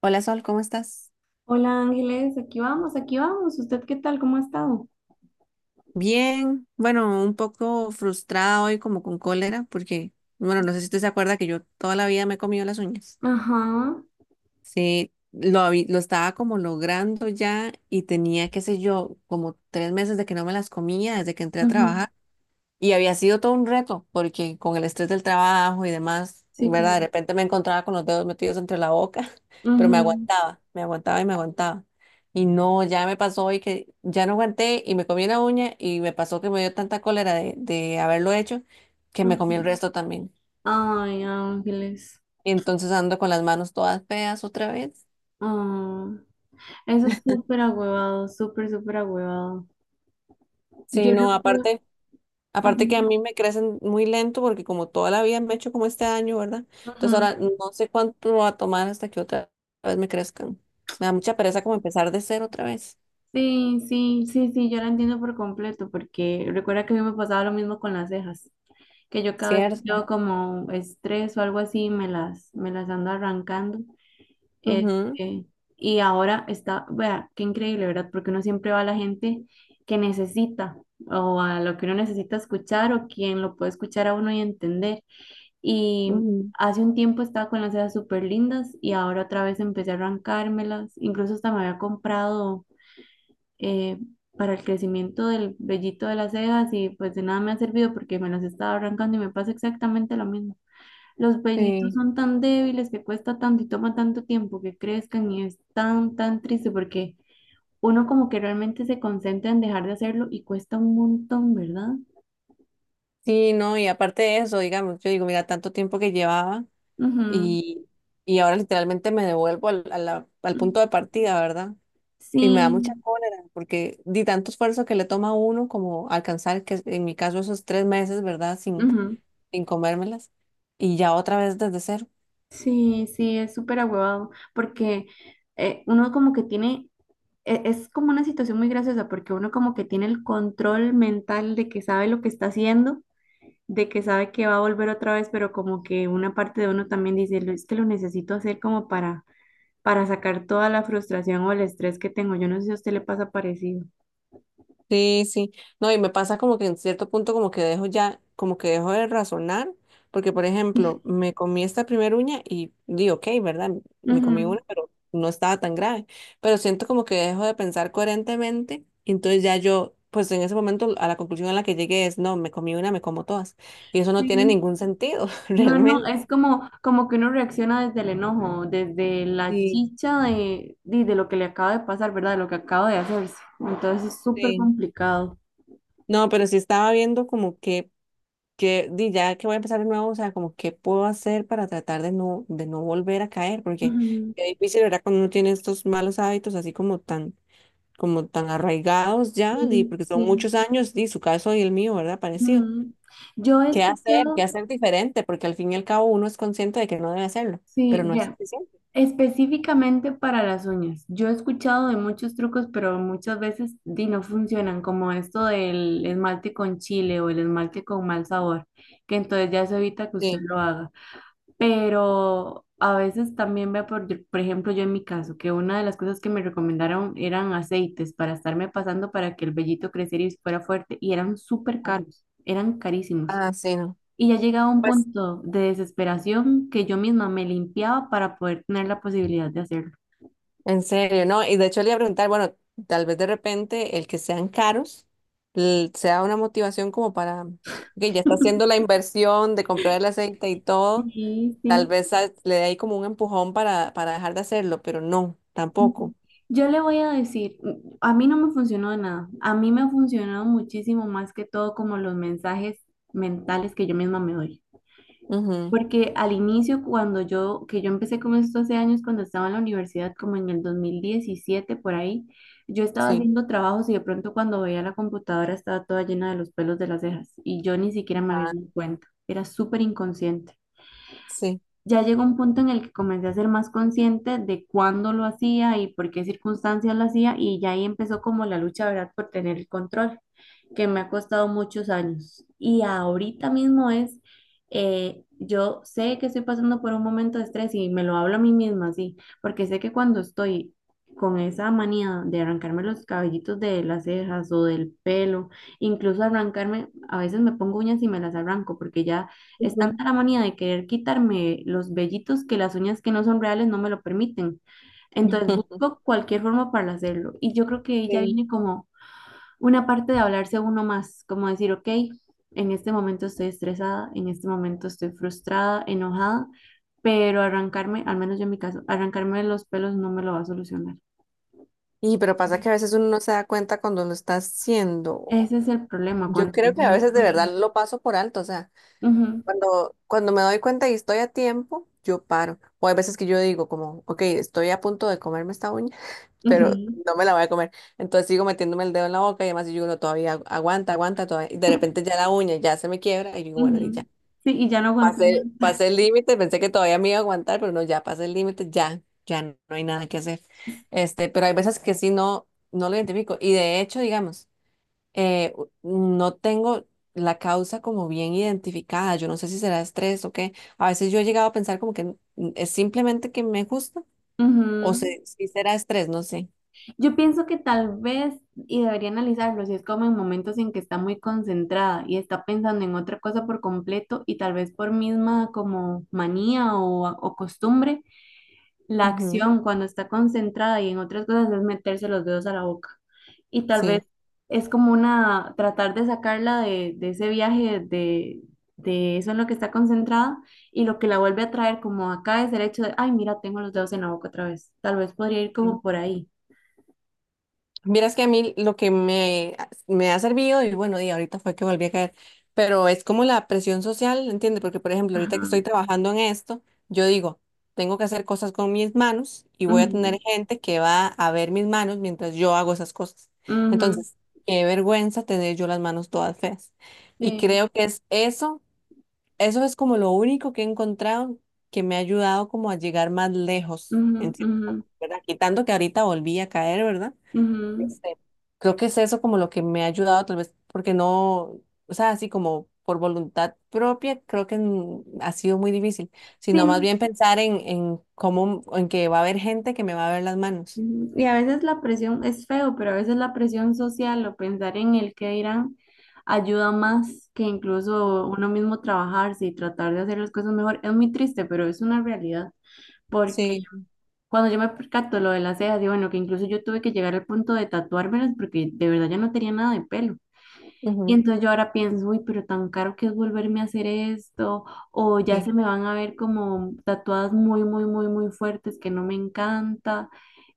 Hola Sol, ¿cómo estás? Hola Ángeles, aquí vamos, aquí vamos. ¿Usted qué tal? ¿Cómo ha estado? Bien, bueno, un poco frustrada hoy como con cólera porque, bueno, no sé si usted se acuerda que yo toda la vida me he comido las uñas. Ajá, Sí, lo estaba como logrando ya y tenía, qué sé yo, como tres meses de que no me las comía desde que entré a ajá, trabajar. Y había sido todo un reto, porque con el estrés del trabajo y demás, sí, ¿verdad? De claro. repente me encontraba con los dedos metidos entre la boca, pero me Ujú, aguantaba, me aguantaba. Y no, ya me pasó hoy que ya no aguanté y me comí la uña y me pasó que me dio tanta cólera de haberlo hecho que me comí el ujú. resto también. Ay, Ángeles. Y entonces ando con las manos todas feas otra vez. ah, Eso es súper agüevado, súper, súper agüevado. Sí, Yo no, recuerdo. aparte. Ajá, Aparte que a mí me crecen muy lento porque como toda la vida me he hecho como este año, ¿verdad? ajá. Entonces ahora no sé cuánto va a tomar hasta que otra vez me crezcan. Me da mucha pereza como empezar de cero otra vez. Sí, sí, sí, sí, yo la entiendo por completo, porque recuerda que a mí me pasaba lo mismo con las cejas, que yo cada vez que Cierto. tengo como estrés o algo así, me las ando arrancando. Ujú, Este, y ahora está, vea, qué increíble, ¿verdad? Porque uno siempre va a la gente que necesita o a lo que uno necesita escuchar o quien lo puede escuchar a uno y entender. Y ujú, hace un tiempo estaba con las cejas súper lindas y ahora otra vez empecé a arrancármelas. Incluso hasta me había comprado eh, para el crecimiento del vellito de las cejas y pues de nada me ha servido porque me las estaba arrancando y me pasa exactamente lo mismo. Los bailitos sí, son tan débiles que cuesta tanto y toma tanto tiempo que crezcan y es tan, tan triste porque uno como que realmente se concentra en dejar de hacerlo y cuesta un montón, ¿verdad? sí, no, y aparte de eso, digamos, yo digo, mira, tanto tiempo que llevaba Ujú. y, y ahora literalmente me devuelvo al Mm. punto de partida, ¿verdad? Y me da mucha Sí, cólera porque di tanto esfuerzo que le toma a uno como alcanzar, que en mi caso esos tres meses, ¿verdad? sin ujú. sin comérmelas y ya otra vez desde cero. Sí, sí, es súper ahuevado porque uno como que tiene, es como una situación muy graciosa porque uno como que tiene el control mental de que sabe lo que está haciendo, de que sabe que va a volver otra vez, pero como que una parte de uno también dice, es que lo necesito hacer como para sacar toda la frustración o el estrés que tengo". Yo no sé si a usted le pasa parecido. Sí, sí. No, y me pasa como que en cierto punto como que dejo ya, como que dejo de razonar, porque por ejemplo, me comí esta primera uña y di, ok, ¿verdad? Me comí Ujú, una, pero no estaba tan grave. Pero siento como que dejo de pensar coherentemente, y entonces ya yo, pues en ese momento a la conclusión a la que llegué es, no, me comí una, me como todas. Y eso no tiene sí. ningún sentido, No, no, es realmente. como, como que uno reacciona desde el enojo, desde la Sí, chicha de lo que le acaba de pasar, ¿verdad? De lo que acaba de hacerse. Entonces es súper sí. complicado. No, pero sí estaba viendo como que di, ya que voy a empezar de nuevo, o sea, como qué puedo hacer para tratar de no volver a caer, porque Ujú. qué difícil, ¿verdad? Cuando uno tiene estos malos hábitos así como tan arraigados ya, di, Sí, porque son sí. muchos años, di, su caso y el mío, ¿verdad? Parecido. Ujú. Yo he ¿Qué hacer? ¿Qué escuchado, hacer diferente? Porque al fin y al cabo uno es consciente de que no debe hacerlo, pero sí, no es vea, suficiente. específicamente para las uñas. Yo he escuchado de muchos trucos, pero muchas veces di, no funcionan, como esto del esmalte con chile o el esmalte con mal sabor, que entonces ya se evita que usted Sí. lo haga. Pero a veces también veo, por ejemplo, yo en mi caso, que una de las cosas que me recomendaron eran aceites para estarme pasando para que el vellito creciera y fuera fuerte, y eran súper Ah, caros, eran carísimos. ah, sí, no. Y ya llegaba a un Pues punto de desesperación que yo misma me limpiaba para poder tener la posibilidad de hacerlo. en serio, ¿no? Y de hecho le iba a preguntar, bueno, tal vez de repente el que sean caros sea una motivación como para, que ya está haciendo la inversión de comprar el aceite y todo, Sí, tal sí. vez le dé ahí como un empujón para dejar de hacerlo, pero no, tampoco. Yo le voy a decir, a mí no me funcionó de nada. A mí me ha funcionado muchísimo más que todo como los mensajes mentales que yo misma me doy. Ujú, Porque al inicio, que yo empecé con esto hace años, cuando estaba en la universidad, como en el 2017 por ahí, yo estaba sí. haciendo trabajos y de pronto cuando veía la computadora estaba toda llena de los pelos de las cejas y yo ni siquiera me había Ah, dado cuenta. Era súper inconsciente. sí. Ya llegó un punto en el que comencé a ser más consciente de cuándo lo hacía y por qué circunstancias lo hacía, y ya ahí empezó como la lucha, ¿verdad?, por tener el control, que me ha costado muchos años. Y ahorita mismo es, yo sé que estoy pasando por un momento de estrés y me lo hablo a mí misma, sí, porque sé que cuando estoy… con esa manía de arrancarme los cabellitos de las cejas o del pelo, incluso arrancarme, a veces me pongo uñas y me las arranco porque ya es Ujú. tanta la manía de querer quitarme los vellitos, que las uñas que no son reales no me lo permiten. Entonces busco cualquier forma para hacerlo. Y yo creo que ahí ya Sí. viene como una parte de hablarse a uno más, como decir, ok, en este momento estoy estresada, en este momento estoy frustrada, enojada, pero arrancarme, al menos yo en mi caso, arrancarme los pelos no me lo va a solucionar. Y pero pasa que a veces uno no se da cuenta cuando lo está haciendo. Ese es el problema Yo cuando creo uno que a no es veces de verdad consciente. lo paso por alto, o sea. Ujú, Cuando me doy cuenta y estoy a tiempo, yo paro. O hay veces que yo digo como, ok, estoy a punto de comerme esta uña, pero ujú, no me la voy a comer. Entonces sigo metiéndome el dedo en la boca y además yo digo, no, todavía aguanta, aguanta, todavía. Y de repente ya la uña ya se me quiebra y yo digo, bueno, y ujú. ya. Sí, y ya no continúa. Pasé el límite, pensé que todavía me iba a aguantar, pero no, ya pasé el límite, ya, ya no hay nada que hacer. Este, pero hay veces que sí no, no lo identifico. Y de hecho, digamos eh, u- no tengo la causa como bien identificada. Yo no sé si será estrés o qué. A veces yo he llegado a pensar como que es simplemente que me gusta o si será estrés, no sé. Yo pienso que tal vez, y debería analizarlo, si es como en momentos en que está muy concentrada y está pensando en otra cosa por completo y tal vez por misma como manía o costumbre, la Ujú, acción cuando está concentrada y en otras cosas es meterse los dedos a la boca. Y tal sí. vez es como una, tratar de sacarla de ese viaje de eso en lo que está concentrada, y lo que la vuelve a traer como acá es el hecho de, ay, mira, tengo los dedos en la boca otra vez. Tal vez podría ir como por ahí. Vieras que a mí lo que me ha servido, y bueno, y ahorita fue que volví a caer, pero es como la presión social, ¿entiendes? Porque, por ejemplo, ahorita que estoy Ajá. trabajando en esto, yo digo, tengo que hacer cosas con mis manos y voy a Ujú, tener gente que va a ver mis manos mientras yo hago esas cosas. ujú, Entonces, qué vergüenza tener yo las manos todas feas. Y sí, creo que es eso, eso es como lo único que he encontrado que me ha ayudado como a llegar más lejos, en ujú, cierto, ujú, punto, ¿verdad? Quitando que ahorita volví a caer, ¿verdad? ujú. Este, creo que es eso como lo que me ha ayudado, tal vez, porque no, o sea, así como por voluntad propia, creo que ha sido muy difícil, Sí, sino más no, bien pensar en cómo, en que va a haber gente que me va a ver las manos. ujú. Y a veces la presión es feo, pero a veces la presión social o pensar en el que dirán ayuda más que incluso uno mismo trabajarse y tratar de hacer las cosas mejor. Es muy triste, pero es una realidad. Porque Sí, cuando yo me percato lo de las cejas, digo, bueno, que incluso yo tuve que llegar al punto de tatuármelas porque de verdad ya no tenía nada de pelo. Y ujú, entonces yo ahora pienso, uy, pero tan caro que es volverme a hacer esto, o ya sí, se me van a ver como tatuadas muy, muy, muy, muy fuertes, que no me encanta.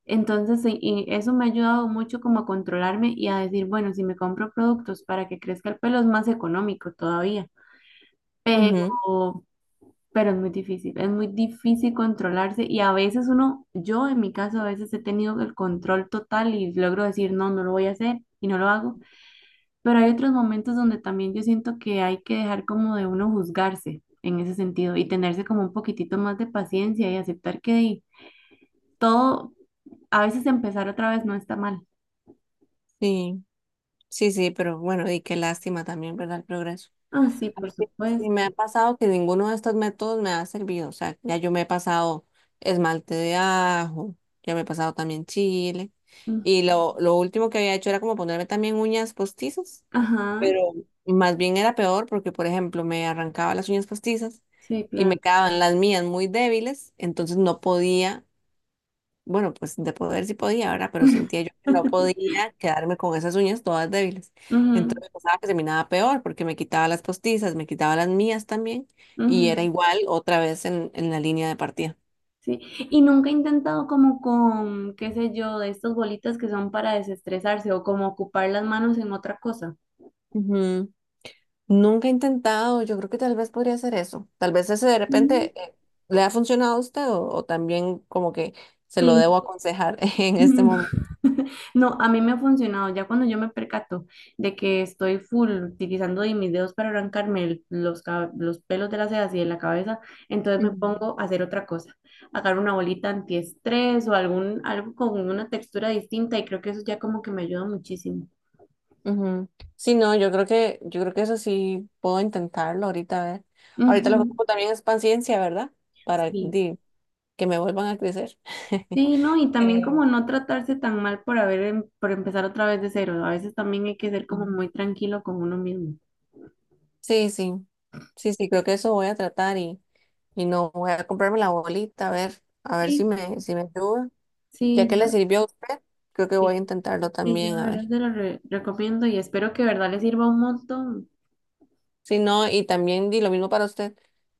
Entonces, sí, y eso me ha ayudado mucho como a controlarme y a decir, bueno, si me compro productos para que crezca el pelo es más económico todavía, ujú, pero, pero es muy difícil controlarse, y a veces uno, yo en mi caso, a veces he tenido el control total y logro decir, no, no lo voy a hacer y no lo hago, pero hay otros momentos donde también yo siento que hay que dejar como de uno juzgarse en ese sentido y tenerse como un poquitito más de paciencia y aceptar que di, todo, a veces empezar otra vez no está mal. sí, sí, sí, pero bueno, y qué lástima también, ¿verdad? El progreso. Ah, sí, A por mí sí me supuesto. ha pasado que ninguno de estos métodos me ha servido. O sea, ya yo me he pasado esmalte de ajo, ya me he pasado también chile. Mm. Y lo último que había hecho era como ponerme también uñas postizas, Ajá, pero más bien era peor porque, por ejemplo, me arrancaba las uñas postizas sí, y me claro. quedaban las mías muy débiles, entonces no podía. Bueno, pues de poder sí podía, ¿verdad? Pero sentía yo que no podía quedarme con esas uñas todas débiles. Ujú, Entonces pensaba que se miraba peor porque me quitaba las postizas, me quitaba las mías también y era ujú. igual otra vez en la línea de partida. Sí, y nunca he intentado como con, qué sé yo, de estas bolitas que son para desestresarse o como ocupar las manos en otra cosa. Ujú. Nunca he intentado, yo creo que tal vez podría hacer eso. Tal vez ese de Mm. repente le ha funcionado a usted o también como que se lo Sí. debo aconsejar en este momento. No, a mí me ha funcionado. Ya cuando yo me percato de que estoy full utilizando de mis dedos para arrancarme los pelos de las cejas y de la cabeza, entonces me Ujú. pongo a hacer otra cosa. Agarro una bolita antiestrés algo con una textura distinta, y creo que eso ya como que me ayuda muchísimo. Ujú. Sí, no, yo creo que eso sí puedo intentarlo ahorita, a ver. Ahorita lo que Ujú. ocupo también es paciencia, ¿verdad? Para Sí. di, que me vuelvan a crecer. Sí, no, y también Eh, como no tratarse tan mal por por empezar otra vez de cero. A veces también hay que ser como mm. muy tranquilo con uno mismo. Sí, sí, sí, sí, creo que eso voy a tratar y no voy a comprarme la bolita, a ver si Sí, me, si me ayuda. Ya sí, que yo, le sirvió a usted, creo que voy a sí. intentarlo Sí, yo también, a de verdad ver. se lo recomiendo y espero que de verdad les sirva un montón. Sí, no, y también di lo mismo para usted.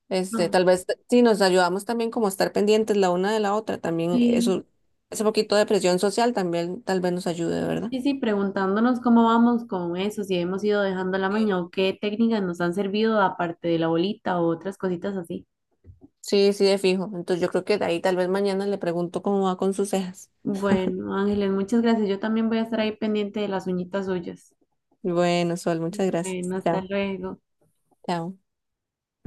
Este, No, tal vez si nos ayudamos también como a estar pendientes la una de la otra, también sí, eso, ese poquito de presión social también tal vez nos ayude, ¿verdad? sí, sí, preguntándonos cómo vamos con eso, si hemos ido dejando la Sí. maña o qué técnicas nos han servido aparte de la bolita o otras cositas así. Sí, sí, de fijo. Entonces yo creo que de ahí tal vez mañana le pregunto cómo va con sus cejas. Bueno, Ángeles, muchas gracias. Yo también voy a estar ahí pendiente de las uñitas suyas. Bueno, Sol, muchas gracias. Bueno, hasta Chao, luego. chao.